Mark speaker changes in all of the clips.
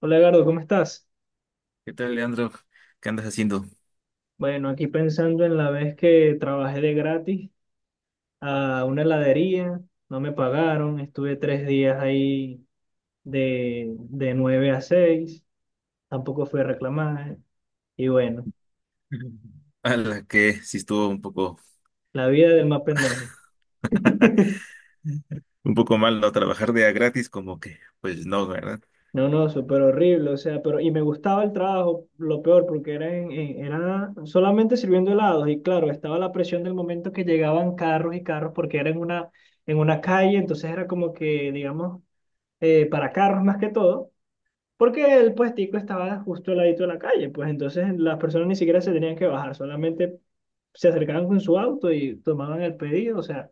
Speaker 1: Hola Gardo, ¿cómo estás?
Speaker 2: ¿Qué tal, Leandro? ¿Qué andas haciendo?
Speaker 1: Bueno, aquí pensando en la vez que trabajé de gratis a una heladería, no me pagaron, estuve 3 días ahí de 9 a 6, tampoco fui a reclamar, y bueno,
Speaker 2: A la que sí estuvo
Speaker 1: la vida del más pendejo.
Speaker 2: un poco mal no trabajar de a gratis, como que, pues no, ¿verdad?
Speaker 1: No, no, súper horrible, o sea, pero y me gustaba el trabajo, lo peor, porque era solamente sirviendo helados, y claro, estaba la presión del momento que llegaban carros y carros, porque era en una calle, entonces era como que, digamos, para carros más que todo, porque el puestico estaba justo al ladito de la calle, pues entonces las personas ni siquiera se tenían que bajar, solamente se acercaban con su auto y tomaban el pedido, o sea,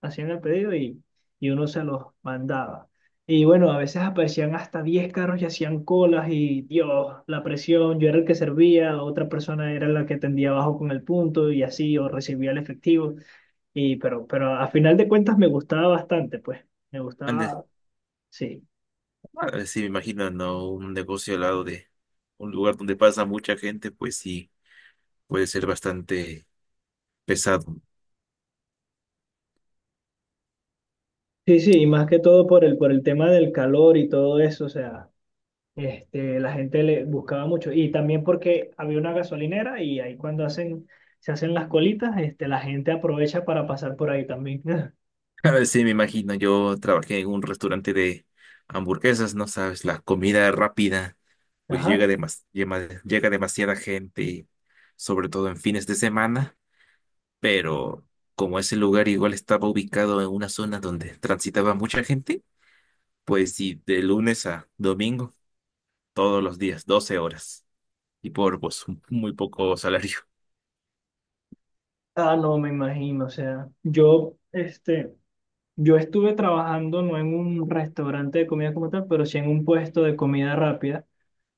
Speaker 1: hacían el pedido y uno se los mandaba. Y bueno, a veces aparecían hasta 10 carros y hacían colas y Dios, la presión, yo era el que servía, otra persona era la que tendía abajo con el punto y así, o recibía el efectivo. Y pero a final de cuentas me gustaba bastante, pues, me
Speaker 2: Antes,
Speaker 1: gustaba, sí.
Speaker 2: ah, sí, me imagino, no, un negocio al lado de un lugar donde pasa mucha gente, pues sí, puede ser bastante pesado.
Speaker 1: Sí, sí, y más que todo por el tema del calor y todo eso, o sea, la gente le buscaba mucho. Y también porque había una gasolinera y ahí cuando hacen, se hacen las colitas, la gente aprovecha para pasar por ahí también.
Speaker 2: A ver, sí, me imagino, yo trabajé en un restaurante de hamburguesas, no sabes, la comida rápida, pues
Speaker 1: Ajá.
Speaker 2: llega demasiada gente, sobre todo en fines de semana. Pero como ese lugar igual estaba ubicado en una zona donde transitaba mucha gente, pues sí, de lunes a domingo, todos los días, 12 horas, y por muy poco salario.
Speaker 1: Ah, no, me imagino, o sea, yo, yo estuve trabajando no en un restaurante de comida como tal, pero sí en un puesto de comida rápida,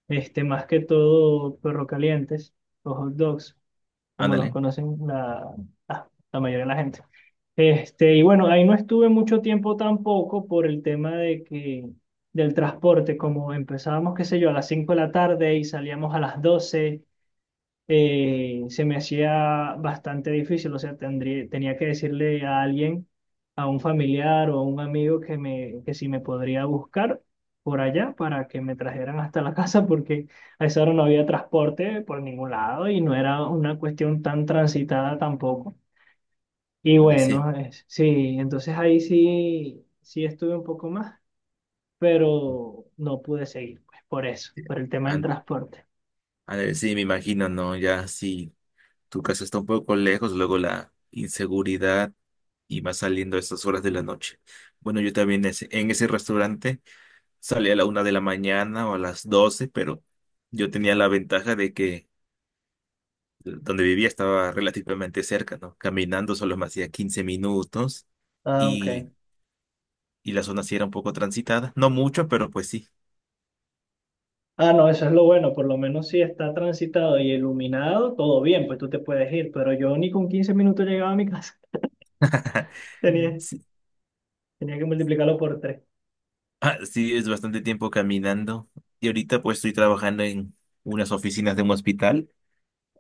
Speaker 1: más que todo perro calientes, o hot dogs. Como los
Speaker 2: Ándale,
Speaker 1: conocen la mayoría de la gente. Y bueno, ahí no estuve mucho tiempo tampoco por el tema de que del transporte, como empezábamos, qué sé yo, a las 5 de la tarde y salíamos a las 12, se me hacía bastante difícil, o sea, tendría, tenía que decirle a alguien, a un familiar o a un amigo que, me, que si me podría buscar por allá para que me trajeran hasta la casa, porque a esa hora no había transporte por ningún lado y no era una cuestión tan transitada tampoco. Y
Speaker 2: ándale, sí.
Speaker 1: bueno, sí, entonces ahí sí, sí estuve un poco más, pero no pude seguir, pues por eso,
Speaker 2: Sí,
Speaker 1: por el tema del
Speaker 2: án-
Speaker 1: transporte.
Speaker 2: ándale, sí, me imagino, ¿no? Ya si tu casa está un poco lejos, luego la inseguridad y va saliendo a esas horas de la noche. Bueno, yo también en ese restaurante salía a la una de la mañana o a las doce, pero yo tenía la ventaja de que donde vivía estaba relativamente cerca, ¿no? Caminando solo me hacía 15 minutos
Speaker 1: Ah, ok.
Speaker 2: y, y la zona sí era un poco transitada, no mucho, pero pues sí.
Speaker 1: Ah, no, eso es lo bueno, por lo menos si está transitado y iluminado, todo bien, pues tú te puedes ir, pero yo ni con 15 minutos llegaba a mi casa, tenía,
Speaker 2: Sí,
Speaker 1: tenía que multiplicarlo por tres.
Speaker 2: ah, sí, es bastante tiempo caminando. Y ahorita pues estoy trabajando en unas oficinas de un hospital,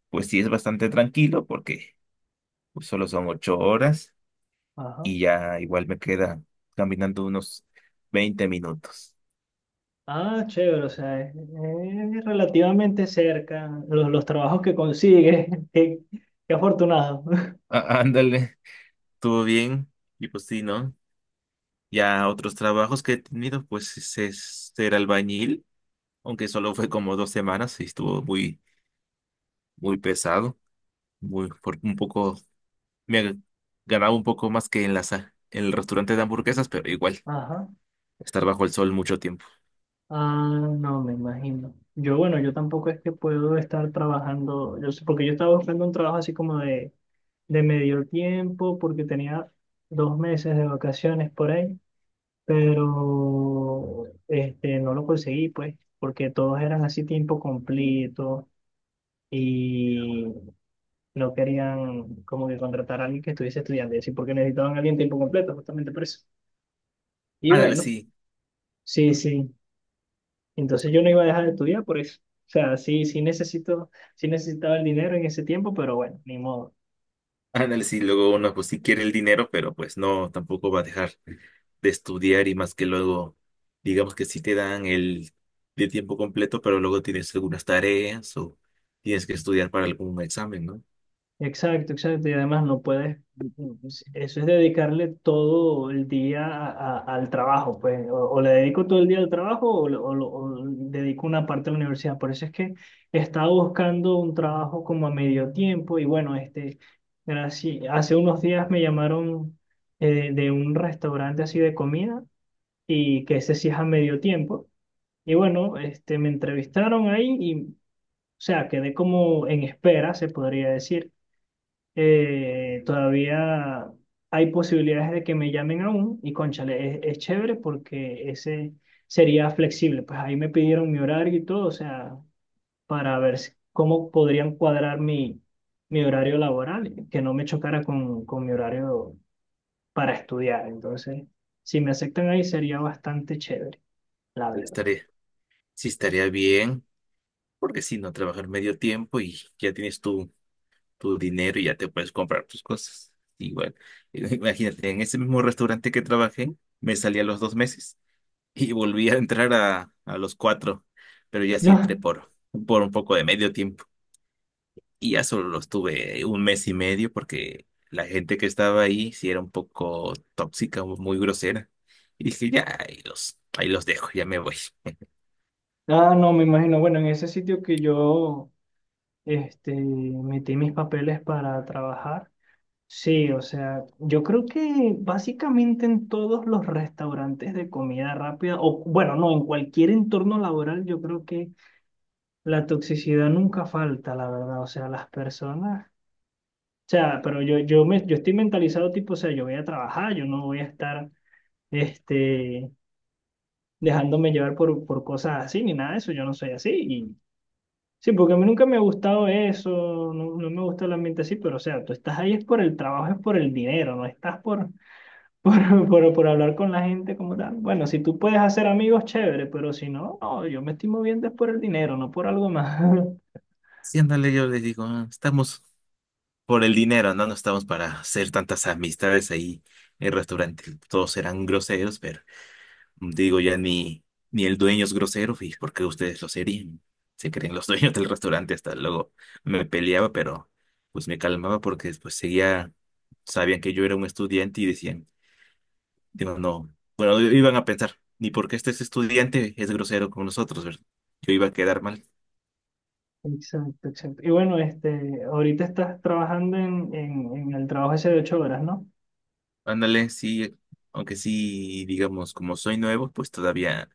Speaker 2: pues sí es bastante tranquilo porque pues, solo son 8 horas
Speaker 1: Ajá.
Speaker 2: y ya igual me queda caminando unos 20 minutos.
Speaker 1: Ah, chévere, o sea, es relativamente cerca, los trabajos que consigues, qué, qué afortunado.
Speaker 2: Ah, ándale, estuvo bien y pues sí, ¿no? Ya otros trabajos que he tenido, pues es ser albañil, aunque solo fue como 2 semanas y estuvo muy, muy pesado, muy, por un poco, me ag- ganaba un poco más que en en el restaurante de hamburguesas, pero igual,
Speaker 1: Ajá.
Speaker 2: estar bajo el sol mucho tiempo.
Speaker 1: Ah, no, me imagino. Yo, bueno, yo tampoco es que puedo estar trabajando, yo sé, porque yo estaba buscando un trabajo así como de, medio tiempo, porque tenía 2 meses de vacaciones por ahí, pero no lo conseguí, pues, porque todos eran así tiempo completo y no querían como que contratar a alguien que estuviese estudiando, y así porque necesitaban a alguien tiempo completo, justamente por eso. Y
Speaker 2: Ándale,
Speaker 1: bueno,
Speaker 2: sí,
Speaker 1: sí, sí. Entonces yo no iba a dejar de estudiar por eso. O sea, sí, sí necesito, sí necesitaba el dinero en ese tiempo, pero bueno, ni modo.
Speaker 2: ándale, sí, luego uno pues sí quiere el dinero, pero pues no, tampoco va a dejar de estudiar y más que luego, digamos que sí te dan el de tiempo completo, pero luego tienes algunas tareas o tienes que estudiar para algún examen, ¿no?
Speaker 1: Exacto, exacto. Y además no puedes, eso es dedicarle todo el día al trabajo, pues. O le dedico todo el día al trabajo o, o dedico una parte a la universidad. Por eso es que estaba buscando un trabajo como a medio tiempo y bueno, gracias, hace unos días me llamaron, de un restaurante así de comida y que ese sí es a medio tiempo. Y bueno, me entrevistaron ahí y, o sea, quedé como en espera, se podría decir. Todavía hay posibilidades de que me llamen aún y cónchale, es chévere porque ese sería flexible. Pues ahí me pidieron mi horario y todo, o sea, para ver si- cómo podrían cuadrar mi horario laboral, que no me chocara con mi horario para estudiar. Entonces, si me aceptan ahí sería bastante chévere, la verdad.
Speaker 2: estar Sí, estaría bien, porque si no, trabajar medio tiempo y ya tienes tu, tu dinero y ya te puedes comprar tus cosas. Igual, imagínate, en ese mismo restaurante que trabajé, me salí a los dos meses y volví a entrar a los cuatro, pero ya sí entré por un poco de medio tiempo y ya solo lo estuve un mes y medio porque la gente que estaba ahí sí era un poco tóxica, muy grosera. Y dije, ya, ahí los dejo, ya me voy.
Speaker 1: Ah, no, me imagino. Bueno, en ese sitio que yo, metí mis papeles para trabajar, sí, o sea, yo creo que básicamente en todos los restaurantes de comida rápida, o bueno, no, en cualquier entorno laboral, yo creo que la toxicidad nunca falta, la verdad. O sea, las personas, o sea, pero yo, me, yo estoy mentalizado tipo, o sea, yo voy a trabajar, yo no voy a estar, este, dejándome llevar por cosas así, ni nada de eso, yo no soy así. Sí, porque a mí nunca me ha gustado eso, no, no me gusta el ambiente así, pero o sea, tú estás ahí es por el trabajo, es por el dinero, no estás por, por hablar con la gente como tal. Bueno, si tú puedes hacer amigos, chévere, pero si no, no, yo me estoy moviendo es por el dinero, no por algo más.
Speaker 2: Sí, ándale, yo les digo, "Ah, estamos. Por el dinero, ¿no? No estamos para hacer tantas amistades ahí en el restaurante. Todos eran groseros, pero digo, ni el dueño es grosero, ¿y por qué ustedes lo serían? Se creen los dueños del restaurante. Hasta luego me peleaba, pero pues me calmaba porque después seguía, sabían que yo era un estudiante y decían, digo, no, bueno, iban a pensar, ni porque este es estudiante es grosero con nosotros, ¿verdad? Yo iba a quedar mal.
Speaker 1: Exacto, exacto. Y bueno, ahorita estás trabajando en, en el trabajo ese de 8 horas, ¿no?
Speaker 2: Ándale, sí, aunque sí, digamos, como soy nuevo, pues todavía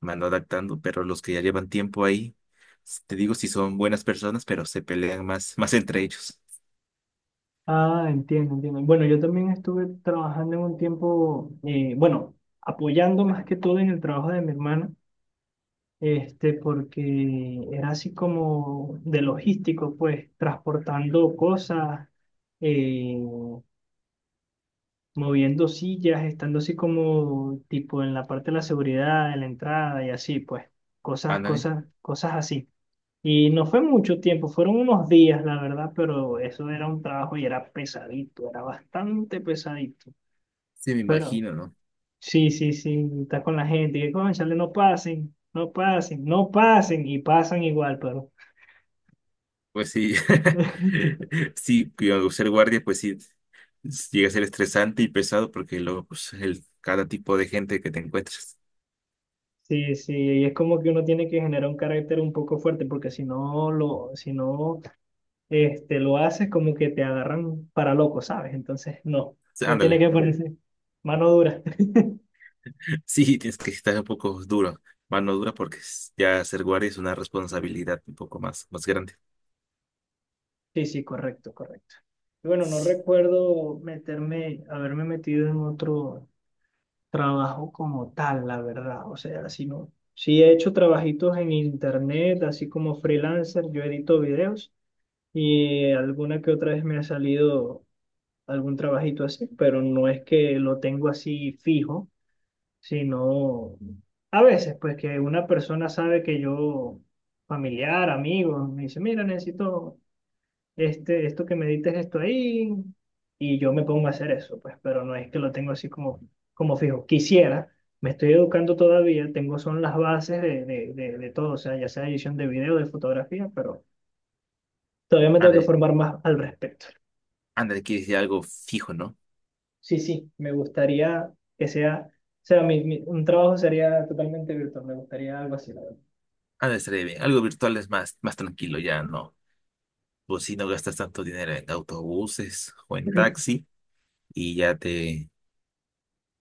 Speaker 2: me ando adaptando, pero los que ya llevan tiempo ahí, te digo si son buenas personas, pero se pelean más, más entre ellos.
Speaker 1: Ah, entiendo, entiendo. Bueno, yo también estuve trabajando en un tiempo, bueno, apoyando más que todo en el trabajo de mi hermana. Porque era así como de logístico, pues, transportando cosas, eh, moviendo sillas, estando así como tipo en la parte de la seguridad, en la entrada y así, pues, cosas,
Speaker 2: Ándale.
Speaker 1: cosas, cosas así. Y no fue mucho tiempo, fueron unos días, la verdad, pero eso era un trabajo y era pesadito, era bastante pesadito.
Speaker 2: Sí, me
Speaker 1: Pero
Speaker 2: imagino, ¿no?
Speaker 1: sí, sí, sí, estás con la gente, y que, cónchale, no pasen, no pasen, no pasen, y pasan igual, pero
Speaker 2: Pues sí, sí, cuidado, ser guardia, pues sí, llega a ser estresante y pesado porque luego, pues, el, cada tipo de gente que te encuentras.
Speaker 1: sí, sí, y es como que uno tiene que generar un carácter un poco fuerte, porque si no lo, si no, lo haces, como que te agarran para loco, ¿sabes? Entonces, no,
Speaker 2: Sí,
Speaker 1: no tiene
Speaker 2: ándale.
Speaker 1: que ponerse mano dura.
Speaker 2: Sí, tienes que estar un poco duro, mano dura, porque ya ser guardia es una responsabilidad un poco más, más grande.
Speaker 1: Sí, sí, correcto, correcto. Y bueno, no
Speaker 2: Sí,
Speaker 1: recuerdo meterme, haberme metido en otro trabajo como tal, la verdad. O sea, si no, sí he hecho trabajitos en internet, así como freelancer, yo edito videos y alguna que otra vez me ha salido algún trabajito así, pero no es que lo tengo así fijo, sino a veces, pues que una persona sabe que yo, familiar, amigos me dice, mira, necesito, esto que me edites esto ahí, y yo me pongo a hacer eso, pues, pero no es que lo tengo así como, como fijo. Quisiera, me estoy educando todavía, tengo son las bases de todo, o sea, ya sea edición de video, de fotografía, pero todavía me tengo que
Speaker 2: ándale,
Speaker 1: formar más al respecto.
Speaker 2: ándale, quieres decir algo fijo, ¿no?
Speaker 1: Sí, sí, me gustaría que sea, o sea, un trabajo sería totalmente virtual, me gustaría algo así, la verdad.
Speaker 2: Ah, estaría bien. Algo virtual es más, más tranquilo, ya no. Pues si no gastas tanto dinero en autobuses o en taxi y ya te,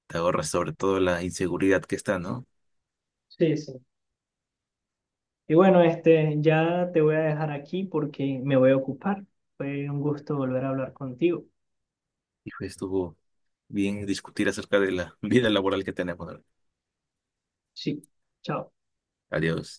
Speaker 2: te ahorras sobre todo la inseguridad que está, ¿no?
Speaker 1: Sí, sí. Y bueno, ya te voy a dejar aquí porque me voy a ocupar. Fue un gusto volver a hablar contigo.
Speaker 2: Hijo, estuvo bien discutir acerca de la vida laboral que tenemos. ¿No?
Speaker 1: Sí, chao.
Speaker 2: Adiós.